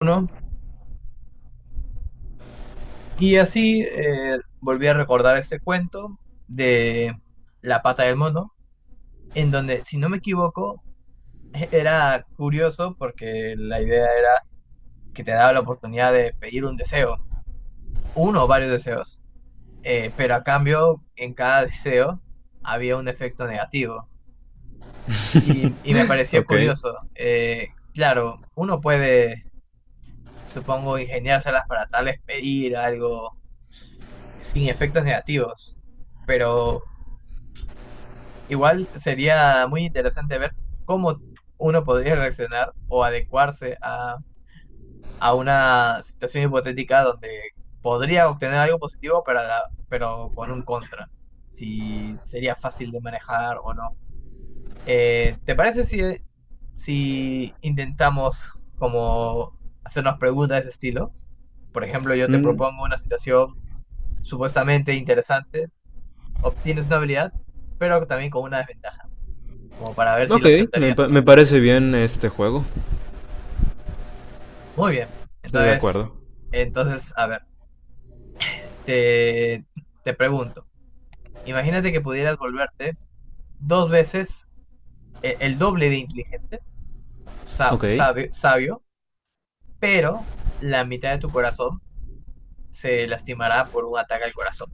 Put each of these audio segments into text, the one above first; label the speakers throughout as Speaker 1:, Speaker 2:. Speaker 1: Uno. Y así volví a recordar ese cuento de La pata del mono, en donde, si no me equivoco, era curioso porque la idea era que te daba la oportunidad de pedir un deseo, uno o varios deseos, pero a cambio en cada deseo había un efecto negativo. Y me pareció
Speaker 2: Ok.
Speaker 1: curioso. Claro, uno puede, supongo, ingeniárselas para tal vez pedir algo sin efectos negativos, pero igual sería muy interesante ver cómo uno podría reaccionar o adecuarse a una situación hipotética donde podría obtener algo positivo, pero, pero con un contra. Si sería fácil de manejar o no. ¿Te parece si intentamos como hacernos preguntas de ese estilo? Por ejemplo, yo te
Speaker 2: Mm,
Speaker 1: propongo una situación supuestamente interesante, obtienes una habilidad, pero también con una desventaja, como para ver si
Speaker 2: ok,
Speaker 1: la aceptarías o
Speaker 2: me
Speaker 1: no.
Speaker 2: parece bien este juego.
Speaker 1: Muy bien.
Speaker 2: Estoy de
Speaker 1: Entonces,
Speaker 2: acuerdo.
Speaker 1: a ver, te, te pregunto, imagínate que pudieras volverte dos veces doble de inteligente,
Speaker 2: Ok.
Speaker 1: sabio, pero la mitad de tu corazón se lastimará por un ataque al corazón.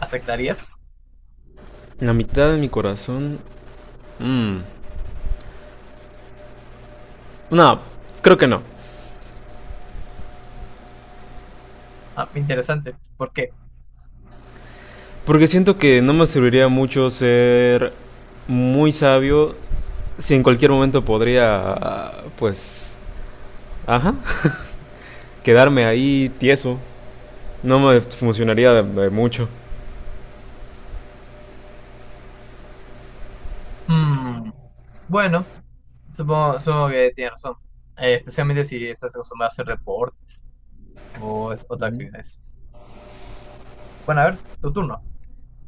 Speaker 1: ¿Aceptarías?
Speaker 2: La mitad de mi corazón. mm, No, creo que no.
Speaker 1: Ah, interesante. ¿Por qué?
Speaker 2: Porque siento que no me serviría mucho ser muy sabio si en cualquier momento podría, pues, ajá, quedarme ahí tieso. No me funcionaría de mucho.
Speaker 1: Mm, bueno, supongo que tienes razón. Especialmente si estás acostumbrado a hacer deporte o es otra actividad. Bueno, a ver, tu turno.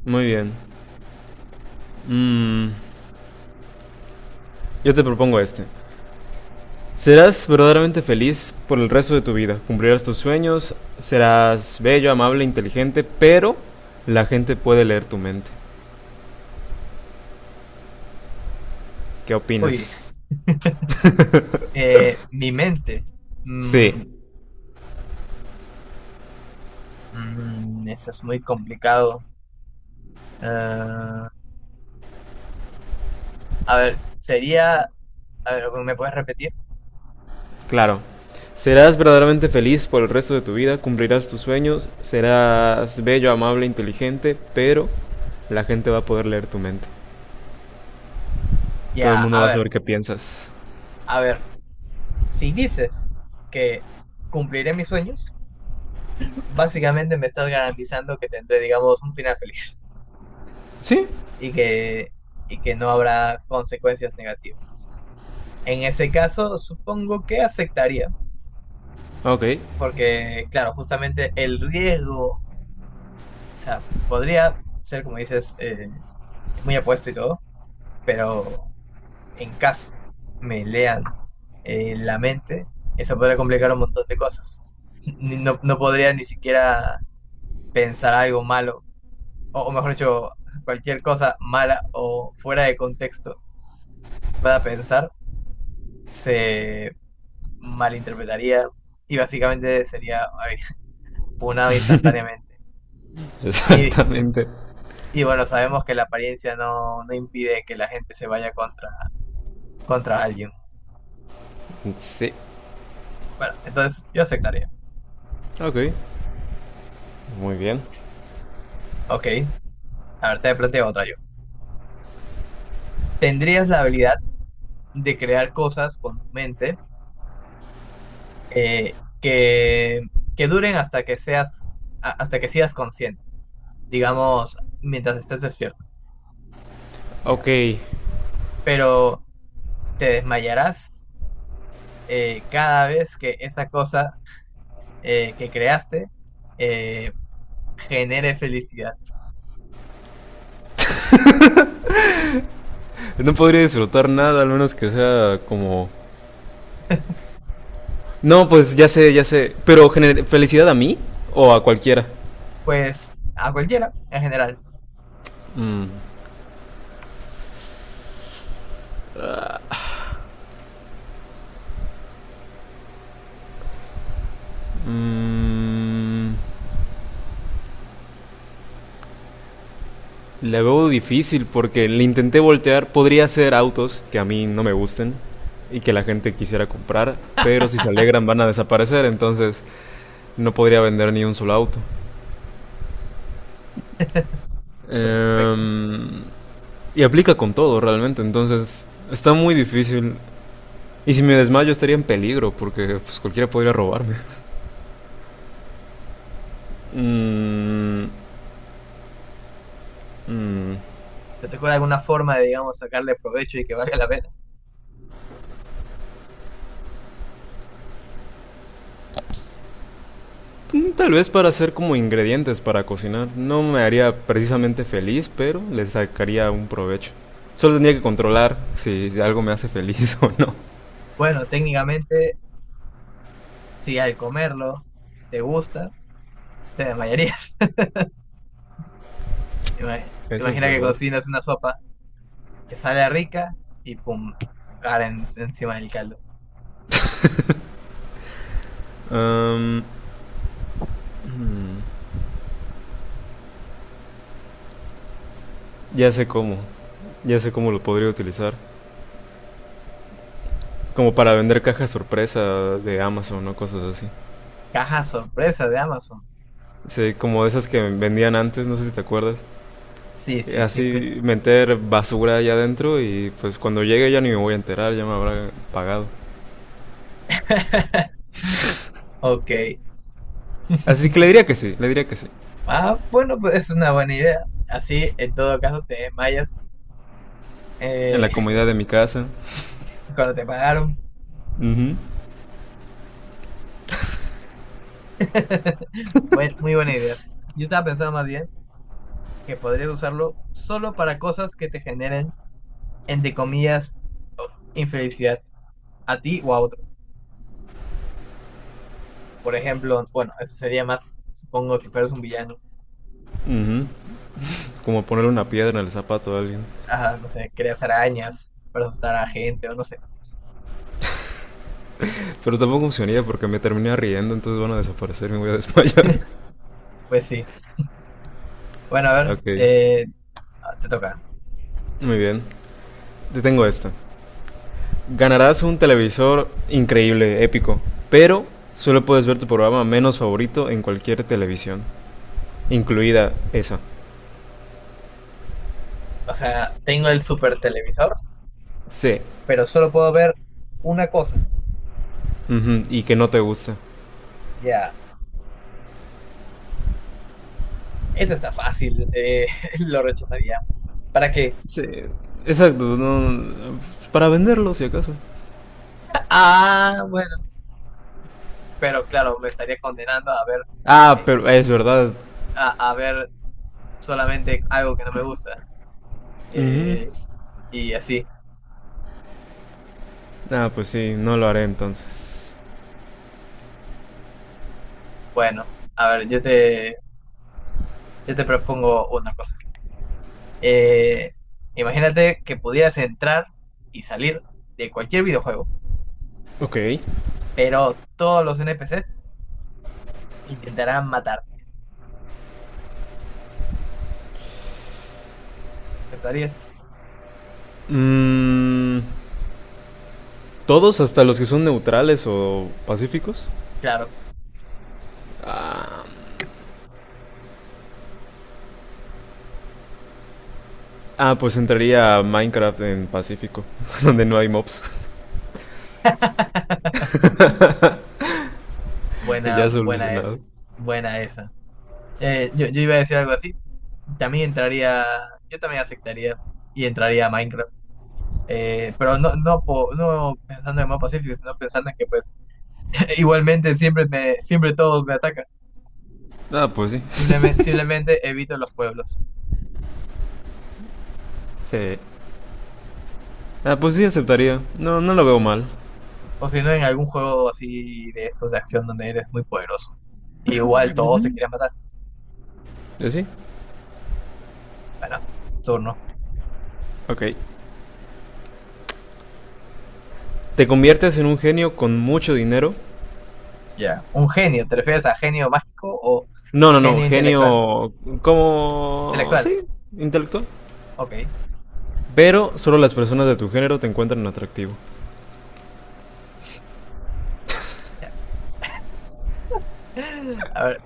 Speaker 2: Muy bien. Mm, yo te propongo este. Serás verdaderamente feliz por el resto de tu vida. Cumplirás tus sueños, serás bello, amable, inteligente, pero la gente puede leer tu mente. ¿Qué
Speaker 1: Uy,
Speaker 2: opinas?
Speaker 1: mi mente.
Speaker 2: Sí,
Speaker 1: Mm, Eso es muy complicado. Ah, a ver, sería, a ver, ¿me puedes repetir?
Speaker 2: claro. Serás verdaderamente feliz por el resto de tu vida, cumplirás tus sueños, serás bello, amable, inteligente, pero la gente va a poder leer tu mente. Todo el
Speaker 1: Ya,
Speaker 2: mundo va a saber qué piensas.
Speaker 1: a ver, si dices que cumpliré mis sueños, básicamente me estás garantizando que tendré, digamos, un final feliz
Speaker 2: Sí,
Speaker 1: y que, y que no habrá consecuencias negativas. En ese caso, supongo que aceptaría,
Speaker 2: ok.
Speaker 1: porque, claro, justamente el riesgo, o sea, podría ser, como dices, muy apuesto y todo, pero en caso me lean la mente, eso podría complicar un montón de cosas. No, no podría ni siquiera pensar algo malo, o, mejor dicho, cualquier cosa mala o fuera de contexto que pueda pensar, se malinterpretaría y básicamente sería ay, punado instantáneamente. Y,
Speaker 2: Exactamente.
Speaker 1: y bueno, sabemos que la apariencia no, no impide que la gente se vaya contra, contra alguien.
Speaker 2: Sí,
Speaker 1: Bueno, entonces yo aceptaría.
Speaker 2: ok. Muy bien.
Speaker 1: Ok, a ver, te planteo otra yo. ¿Tendrías la habilidad de crear cosas con tu mente eh, que, que duren hasta que seas, hasta que seas consciente, digamos, mientras estés despierto, ya.
Speaker 2: Ok.
Speaker 1: Pero te desmayarás cada vez que esa cosa que creaste eh, genere felicidad.
Speaker 2: No podría disfrutar nada, al menos que sea como... No, pues ya sé, ya sé. Pero felicidad a mí o a cualquiera.
Speaker 1: A cualquiera, en general.
Speaker 2: Mm, mm, la veo difícil porque le intenté voltear. Podría ser autos que a mí no me gusten y que la gente quisiera comprar, pero si se alegran van a desaparecer, entonces no podría vender ni un solo auto.
Speaker 1: Perfecto.
Speaker 2: Em, y aplica con todo realmente, entonces está muy difícil. Y si me desmayo estaría en peligro porque pues, cualquiera podría robarme. Mm, mm,
Speaker 1: ¿Recuerda alguna forma de, digamos, sacarle provecho y que valga la pena?
Speaker 2: tal vez para hacer como ingredientes para cocinar. No me haría precisamente feliz, pero le sacaría un provecho. Solo tendría que controlar si algo me hace feliz o no.
Speaker 1: Pero técnicamente, si al comerlo te gusta, te desmayarías.
Speaker 2: Eso es
Speaker 1: Imagina que
Speaker 2: verdad.
Speaker 1: cocinas que sale rica y pum, cara encima del caldo.
Speaker 2: Am, ya sé cómo. Ya sé cómo lo podría utilizar. Como para vender cajas sorpresa de Amazon o cosas así.
Speaker 1: Caja sorpresa de Amazon.
Speaker 2: Sí, como esas que vendían antes, no sé si te acuerdas.
Speaker 1: Sí, sí.
Speaker 2: Así meter basura allá adentro y pues cuando llegue ya ni me voy a enterar, ya me habrá pagado.
Speaker 1: Ok.
Speaker 2: Así que le diría que sí, le diría que sí.
Speaker 1: Bueno, pues es una buena idea. Así, en todo caso, te desmayas
Speaker 2: En
Speaker 1: eh,
Speaker 2: la comodidad de mi casa.
Speaker 1: cuando te pagaron.
Speaker 2: Ujú.
Speaker 1: Muy buena idea. Yo estaba pensando más bien que podrías usarlo solo para cosas que te generen, entre comillas, infelicidad a ti o a otro. Por ejemplo, bueno, eso sería más, supongo, si fueras un villano,
Speaker 2: Como ponerle una piedra en el zapato a alguien.
Speaker 1: que creas arañas para asustar a gente o no sé.
Speaker 2: Pero tampoco funcionaría porque me terminé riendo, entonces van a desaparecer y me voy a desmayar.
Speaker 1: Pues sí. Bueno, a ver,
Speaker 2: Ok,
Speaker 1: te toca.
Speaker 2: muy bien. Te tengo esta. Ganarás un televisor increíble, épico, pero solo puedes ver tu programa menos favorito en cualquier televisión, incluida esa.
Speaker 1: O sea, tengo el super televisor,
Speaker 2: Sí.
Speaker 1: pero solo puedo ver una cosa.
Speaker 2: Ujú, y que no te gusta.
Speaker 1: Ya, eso está fácil. Lo rechazaría. ¿Para qué?
Speaker 2: Sí. Exacto. Para venderlo, si acaso.
Speaker 1: Ah, bueno. Pero claro, me estaría condenando a ver,
Speaker 2: Ah,
Speaker 1: eh,
Speaker 2: pero es verdad.
Speaker 1: a ver solamente algo que no me gusta.
Speaker 2: Ujú.
Speaker 1: Eh, y así.
Speaker 2: Ah, pues sí, no lo haré entonces.
Speaker 1: Bueno, a ver, yo te propongo una cosa. Eh, Imagínate que pudieras entrar y salir de cualquier videojuego,
Speaker 2: Ok.
Speaker 1: pero todos los NPCs intentarán matarte. ¿Aceptarías?
Speaker 2: Mm, ¿todos hasta los que son neutrales o pacíficos? Ah, pues entraría a Minecraft en Pacífico, donde no hay mobs.
Speaker 1: Buena,
Speaker 2: Ya
Speaker 1: buena
Speaker 2: solucionado.
Speaker 1: esa. Yo iba a decir algo así. También entraría, yo también aceptaría y entraría a Minecraft. Pero no, no, no pensando en el modo pacífico, sino pensando en que pues igualmente siempre me, siempre todos me atacan.
Speaker 2: Ah, pues sí.
Speaker 1: Simplemente, simplemente en los pueblos.
Speaker 2: Sí. Ah, pues sí, aceptaría. No, no lo veo mal.
Speaker 1: O si no, en algún juego así de estos de acción donde eres muy poderoso. Igual todos te quieren matar.
Speaker 2: ¿Sí?
Speaker 1: Bueno, tu turno.
Speaker 2: Ok. ¿Te conviertes en un genio con mucho dinero?
Speaker 1: Ya. Un genio, ¿te refieres a genio mágico o
Speaker 2: No, no, no.
Speaker 1: genio intelectual?
Speaker 2: Genio como... Sí, intelectual. Pero solo las personas de tu género te encuentran atractivo.
Speaker 1: A ver,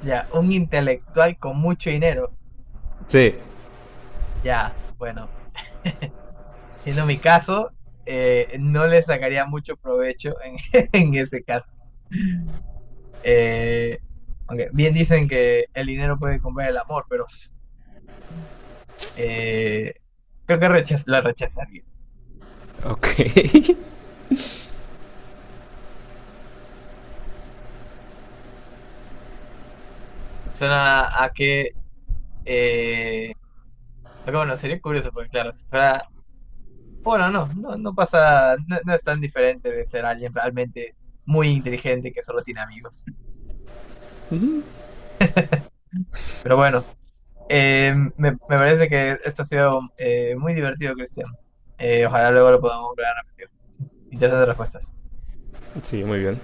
Speaker 1: ya, un intelectual con mucho dinero.
Speaker 2: Sí.
Speaker 1: Ya, bueno, siendo mi caso, no le sacaría mucho provecho en ese caso. Eh, Aunque bien dicen que el dinero puede comprar el amor, pero eh, creo que rechaz la rechazar.
Speaker 2: Ok.
Speaker 1: Suena a que, eh, bueno, sería curioso, porque claro, si fuera, bueno, no, no, no pasa, no, no es tan diferente de ser alguien realmente muy inteligente que solo tiene amigos. Pero bueno. Me parece que esto ha sido muy divertido, Cristian. Ojalá luego lo podamos lograr. Interesante respuesta.
Speaker 2: Sí, muy bien.